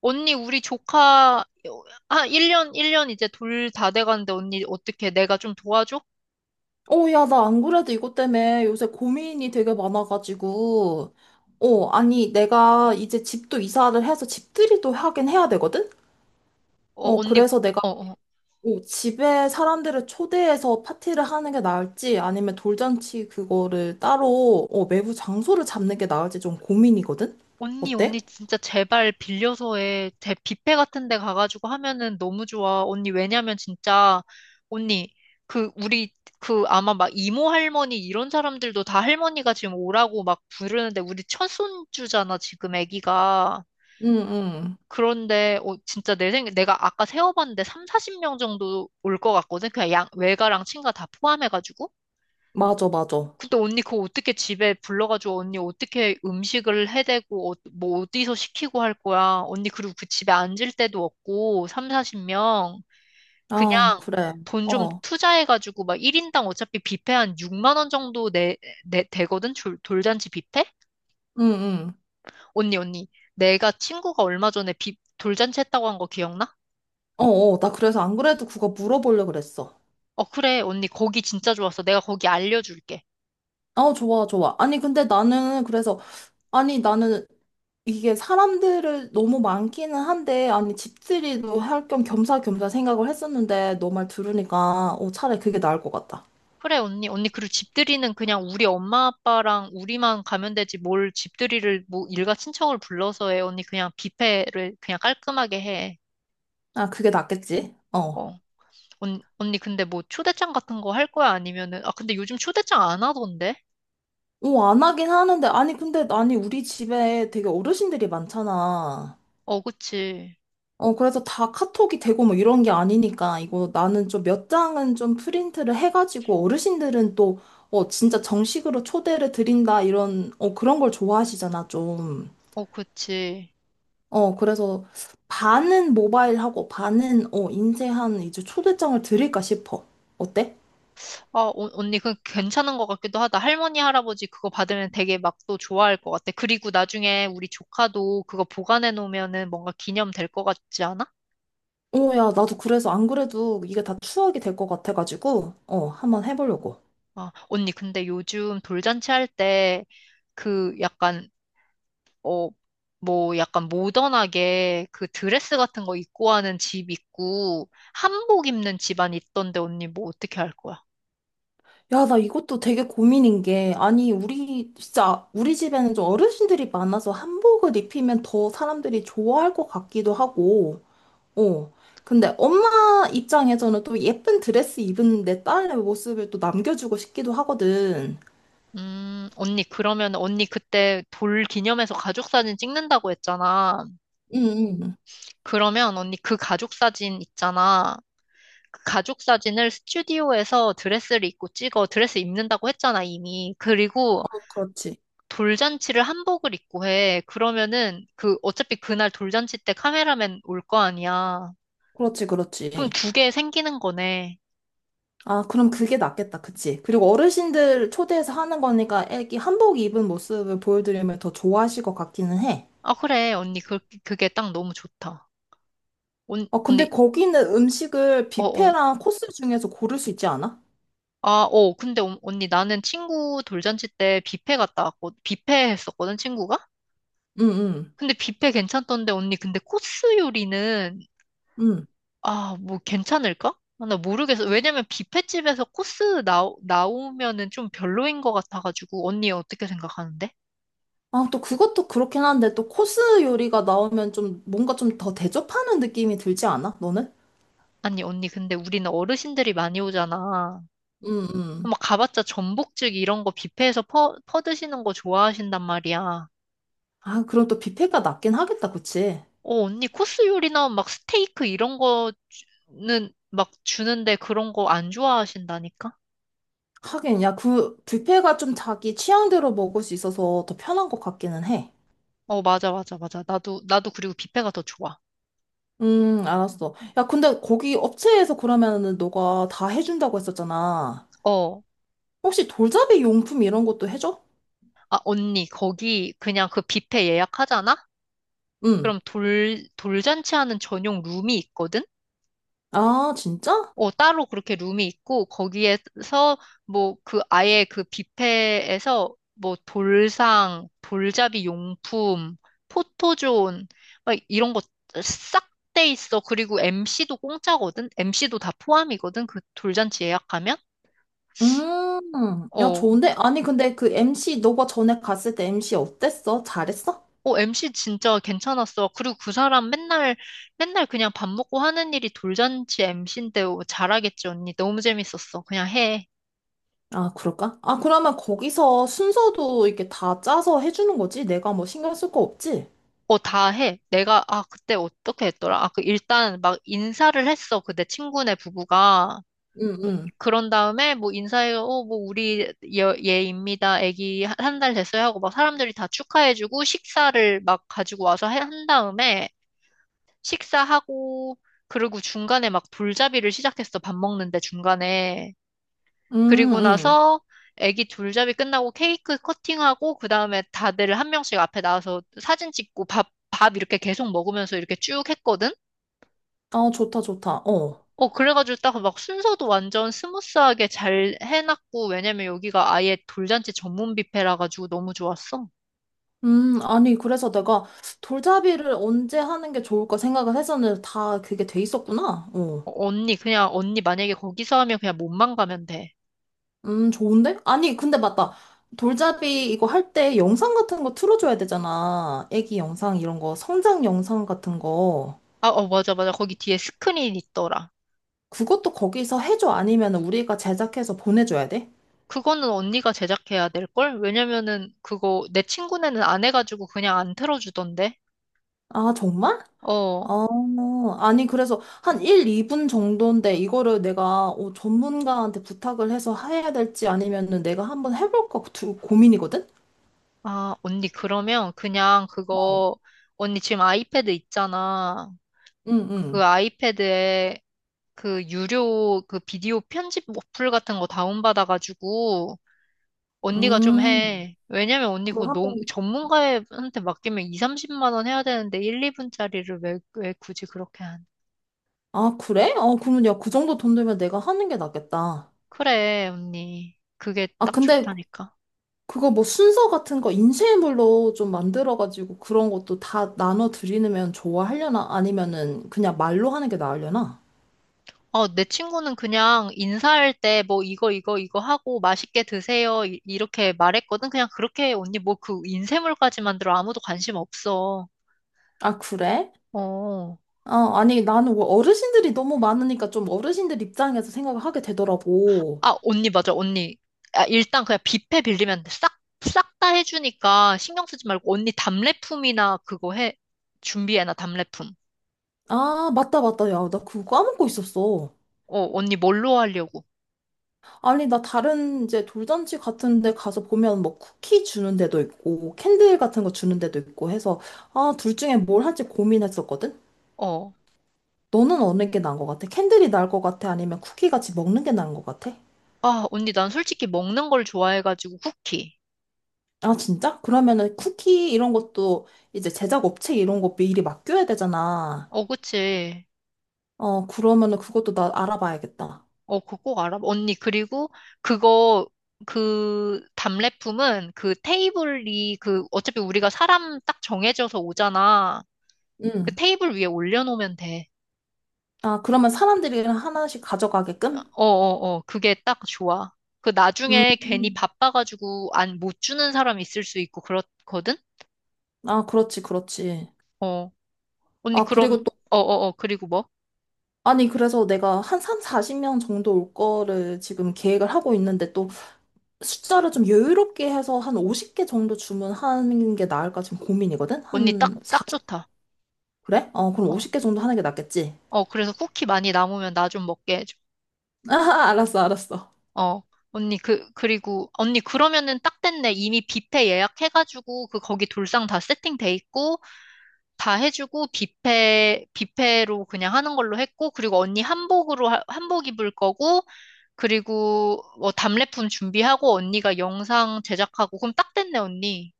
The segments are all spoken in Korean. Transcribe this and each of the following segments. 언니, 우리 조카, 1년, 1년 이제 둘 다 돼가는데, 언니, 어떻게, 내가 좀 도와줘? 어, 야, 나 안 그래도 이것 때문에 요새 고민이 되게 많아가지고. 어, 아니, 내가 이제 집도 이사를 해서 집들이도 하긴 해야 되거든? 어, 언니, 그래서 내가 어, 어. 집에 사람들을 초대해서 파티를 하는 게 나을지 아니면 돌잔치 그거를 따로 외부 장소를 잡는 게 나을지 좀 고민이거든? 언니, 언니, 어때? 진짜 제발 빌려서 해. 제 뷔페 같은 데 가가지고 하면은 너무 좋아. 언니, 왜냐면 진짜, 언니, 우리, 아마 막 이모 할머니 이런 사람들도 다 할머니가 지금 오라고 막 부르는데, 우리 첫 손주잖아, 지금 애기가. 응, 응. 그런데 진짜 내 생각 내가 아까 세어봤는데 3, 40명 정도 올 것 같거든. 그냥 양 외가랑 친가 다 포함해가지고. 맞아, 맞아. 근데 언니 그거 어떻게 집에 불러가지고 언니 어떻게 음식을 해대고 뭐 어디서 시키고 할 거야. 언니 그리고 그 집에 앉을 데도 없고 3, 40명 그냥 아, 그래. 돈 좀 어, 투자해가지고 막 1인당 어차피 뷔페 한 6만 원 정도 내 되거든. 돌잔치 뷔페? 응, 응. 언니 내가 친구가 얼마 전에 돌잔치 했다고 한 거 기억나? 어, 어, 나 그래서 안 그래도 그거 물어보려고 그랬어. 어, 그래, 언니, 거기 진짜 좋았어. 내가 거기 알려줄게. 어, 좋아, 좋아. 아니, 근데 나는 그래서 아니, 나는 이게 사람들을 너무 많기는 한데, 아니, 집들이도 할 겸 겸사겸사 생각을 했었는데, 너 말 들으니까, 차라리 그게 나을 것 같다. 그래, 언니, 언니, 그리고 집들이는 그냥 우리 엄마, 아빠랑 우리만 가면 되지. 뭘 집들이를, 뭐, 일가 친척을 불러서 해. 언니, 그냥 뷔페를 그냥 깔끔하게 해. 아, 그게 낫겠지? 어. 어. 언니, 근데 뭐, 초대장 같은 거 할 거야? 아니면은, 아, 근데 요즘 초대장 안 하던데? 어, 안 하긴 하는데, 아니, 근데, 아니, 우리 집에 되게 어르신들이 많잖아. 어, 그치. 어, 그래서 다 카톡이 되고 뭐 이런 게 아니니까, 이거 나는 좀 몇 장은 좀 프린트를 해가지고, 어르신들은 또, 어, 진짜 정식으로 초대를 드린다, 이런, 그런 걸 좋아하시잖아, 좀. 어, 그치. 어, 그래서 반은 모바일하고 반은 인쇄한 이제 초대장을 드릴까 싶어. 어때? 언니, 그 괜찮은 것 같기도 하다. 할머니, 할아버지 그거 받으면 되게 막 또 좋아할 것 같아. 그리고 나중에 우리 조카도 그거 보관해 놓으면은 뭔가 기념 될 것 같지 않아? 어, 야, 나도 그래서 안 그래도 이게 다 추억이 될 것 같아가지고, 한번 해보려고. 아, 언니, 근데 요즘 돌잔치 할 때 그 약간, 어, 뭐 약간 모던하게 그 드레스 같은 거 입고 하는 집 있고 한복 입는 집안 있던데 언니 뭐 어떻게 할 거야? 야, 나 이것도 되게 고민인 게, 아니, 우리, 진짜, 우리 집에는 좀 어르신들이 많아서 한복을 입히면 더 사람들이 좋아할 것 같기도 하고, 어. 근데 엄마 입장에서는 또 예쁜 드레스 입은 내 딸의 모습을 또 남겨주고 싶기도 하거든. 언니, 그러면 언니 그때 돌 기념해서 가족 사진 찍는다고 했잖아. 응, 응. 그러면 언니 그 가족 사진 있잖아. 그 가족 사진을 스튜디오에서 드레스를 입고 찍어. 드레스 입는다고 했잖아, 이미. 그리고 어, 그렇지. 돌잔치를 한복을 입고 해. 그러면은 그 어차피 그날 돌잔치 때 카메라맨 올 거 아니야. 그렇지, 그럼 그렇지. 두 개 생기는 거네. 아, 그럼 그게 낫겠다, 그치? 그리고 어르신들 초대해서 하는 거니까 애기 한복 입은 모습을 보여드리면 더 좋아하실 것 같기는 해. 아, 그래. 언니 그 그게 딱 너무 좋다. 어, 근데 언니 거기는 음식을 어, 어. 뷔페랑 코스 중에서 고를 수 있지 않아? 아, 어. 근데 언니 나는 친구 돌잔치 때 뷔페 갔다 왔고 뷔페 했었거든, 친구가. 응, 응, 근데 뷔페 괜찮던데 언니 근데 코스 요리는 응. 아, 뭐 괜찮을까? 아, 나 모르겠어. 왜냐면 뷔페집에서 나오면은 좀 별로인 것 같아가지고. 언니 어떻게 생각하는데? 아, 또 그것도 그렇긴 한데 또 코스 요리가 나오면 좀 뭔가 좀 더 대접하는 느낌이 들지 않아? 너는? 아니, 언니, 근데 우리는 어르신들이 많이 오잖아. 응, 응. 막 가봤자 전복죽 이런 거 뷔페에서 퍼드시는 거 좋아하신단 말이야. 아, 그럼 또 뷔페가 낫긴 하겠다, 그치? 어, 언니 코스 요리 나오면 막 스테이크 이런 거는 막 주는데 그런 거 안 좋아하신다니까? 하긴, 야, 그 뷔페가 좀 자기 취향대로 먹을 수 있어서 더 편한 것 같기는 해. 어, 맞아, 맞아, 맞아. 나도 그리고 뷔페가 더 좋아. 알았어. 야, 근데 거기 업체에서 그러면은 너가 다 해준다고 했었잖아. 어. 혹시 돌잡이 용품 이런 것도 해줘? 아, 언니, 거기 그냥 그 뷔페 예약하잖아? 응. 그럼 돌잔치 하는 전용 룸이 있거든? 아, 진짜? 어, 따로 그렇게 룸이 있고, 거기에서 뭐 그 아예 그 뷔페에서 뭐 돌상, 돌잡이 용품, 포토존, 막 이런 거 싹 돼 있어. 그리고 MC도 공짜거든? MC도 다 포함이거든? 그 돌잔치 예약하면? 야, 어, 좋은데? 아니, 근데 그 MC, 너가 전에 갔을 때 MC 어땠어? 잘했어? MC 진짜 괜찮았어. 그리고 그 사람 맨날 그냥 밥 먹고 하는 일이 돌잔치 MC인데 잘하겠지, 언니. 너무 재밌었어. 그냥 해. 아, 그럴까? 아, 그러면 거기서 순서도 이렇게 다 짜서 해주는 거지? 내가 뭐 신경 쓸 거 없지? 어, 다 해. 내가, 아, 그때 어떻게 했더라? 아, 그, 일단 막 인사를 했어. 그내 친구네 부부가. 응, 응. 그런 다음에 뭐 인사해, 어, 뭐 우리 얘입니다. 애기 한 달 됐어요 하고 막 사람들이 다 축하해주고 식사를 막 가지고 와서 한 다음에 식사하고 그리고 중간에 막 돌잡이를 시작했어. 밥 먹는데 중간에. 응 그리고 응. 나서 애기 둘잡이 끝나고 케이크 커팅하고 그 다음에 다들 한 명씩 앞에 나와서 사진 찍고 밥 이렇게 계속 먹으면서 이렇게 쭉 했거든? 아, 좋다, 좋다. 어. 어, 그래가지고 딱 막 순서도 완전 스무스하게 잘 해놨고, 왜냐면 여기가 아예 돌잔치 전문 뷔페라 가지고 너무 좋았어. 아니, 그래서 내가 돌잡이를 언제 하는 게 좋을까 생각을 했었는데 다 그게 돼 있었구나. 어. 어, 언니, 그냥 언니 만약에 거기서 하면 그냥 몸만 가면 돼. 좋은데? 아니, 근데 맞다. 돌잡이 이거 할 때 영상 같은 거 틀어줘야 되잖아. 애기 영상 이런 거, 성장 영상 같은 거. 아, 어, 맞아, 맞아. 거기 뒤에 스크린 있더라. 그것도 거기서 해줘. 아니면 우리가 제작해서 보내줘야 돼? 그거는 언니가 제작해야 될걸? 왜냐면은 그거 내 친구네는 안 해가지고 그냥 안 틀어주던데. 아, 정말? 어, 어, 아니, 그래서 한 1, 2분 정도인데 이거를 내가 전문가한테 부탁을 해서 해야 될지 아니면은 내가 한번 해볼까 고민이거든? 아, 언니, 그러면 그냥 어. 그거, 언니 지금 아이패드 있잖아. 응, 그 응. 아이패드에 그 유료 그 비디오 편집 어플 같은 거 다운받아가지고, 언니가 좀 음. 해. 왜냐면 언니 그걸 그거 너무, 한번. 전문가한테 맡기면 2, 30만 원 해야 되는데 1, 2분짜리를 왜 굳이 그렇게 한. 아, 그래? 어, 그러면 야, 그 정도 돈 들면 내가 하는 게 낫겠다. 그래, 언니. 그게 아, 딱 근데 좋다니까. 그거 뭐 순서 같은 거 인쇄물로 좀 만들어가지고 그런 것도 다 나눠 드리면 좋아하려나? 아니면은 그냥 말로 하는 게 나으려나? 어, 내 친구는 그냥 인사할 때 뭐 이거 이거 이거 하고 맛있게 드세요 이렇게 말했거든. 그냥 그렇게 언니 뭐 그 인쇄물까지 만들어 아무도 관심 없어. 아, 그래? 어. 어, 아니, 나는 뭐 어르신들이 너무 많으니까 좀 어르신들 입장에서 생각을 하게 되더라고. 아, 언니 맞아. 언니. 아, 일단 그냥 뷔페 빌리면 싹 다 해주니까 신경 쓰지 말고 언니 답례품이나 그거 해 준비해놔 답례품. 아, 맞다, 맞다. 야, 나 그거 까먹고 있었어. 어, 언니 뭘로 하려고? 아니, 나 다른 이제 돌잔치 같은 데 가서 보면 뭐 쿠키 주는 데도 있고, 캔들 같은 거 주는 데도 있고 해서, 아, 둘 중에 뭘 할지 고민했었거든? 어. 너는 어느 게 나은 것 같아? 캔들이 나을 것 같아? 아니면 쿠키 같이 먹는 게 나은 것 같아? 아, 언니 난 솔직히 먹는 걸 좋아해가지고 쿠키. 아, 진짜? 그러면은 쿠키 이런 것도 이제 제작 업체 이런 거 미리 맡겨야 되잖아. 어, 그치. 어, 그러면은 그것도 나 알아봐야겠다. 어, 그거 꼭 알아? 언니, 그리고 그거, 그 답례품은 그 테이블이 그 어차피 우리가 사람 딱 정해져서 오잖아. 그 응. 테이블 위에 올려놓으면 돼. 아, 그러면 사람들이 하나씩 가져가게끔? 어어어, 그게 딱 좋아. 그 음. 나중에 괜히 바빠가지고 안 못 주는 사람 있을 수 있고 그렇거든? 아, 그렇지, 그렇지. 어. 언니, 아, 그리고 그럼, 또 어어어, 그리고 뭐? 아니, 그래서 내가 한 3, 40명 정도 올 거를 지금 계획을 하고 있는데 또 숫자를 좀 여유롭게 해서 한 50개 정도 주문하는 게 나을까 지금 고민이거든? 언니 딱, 한 딱 40? 좋다. 그래? 어, 그럼 어, 50개 정도 하는 게 낫겠지? 그래서 쿠키 많이 남으면 나 좀 먹게 해줘. 아, 알았어, 알았어. 어, 언니, 그, 그리고, 언니, 그러면은 딱 됐네. 이미 뷔페 예약해가지고, 그, 거기 돌상 다 세팅돼 있고, 다 해주고, 뷔페, 뷔페로 그냥 하는 걸로 했고, 그리고 언니 한복으로, 한복 입을 거고, 그리고, 뭐, 답례품 준비하고, 언니가 영상 제작하고, 그럼 딱 됐네, 언니.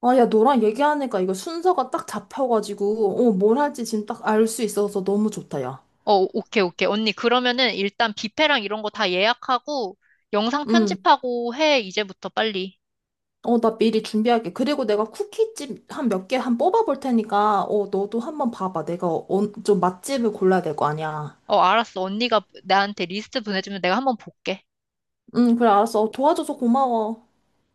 아, 야, 너랑 얘기하니까 이거 순서가 딱 잡혀가지고, 뭘 할지 지금 딱 알 수 있어서 너무 좋다, 야. 어, 오케이, 오케이. 언니, 그러면은 일단 뷔페랑 이런 거 다 예약하고, 영상 응. 편집하고 해, 이제부터 빨리. 어, 나 미리 준비할게. 그리고 내가 쿠키집 한 몇 개 한 뽑아볼 테니까, 너도 한번 봐봐. 내가 좀 맛집을 골라야 될 거 아니야. 어, 알았어. 언니가 나한테 리스트 보내주면 내가 한번 볼게. 응, 그래, 알았어. 어, 도와줘서 고마워.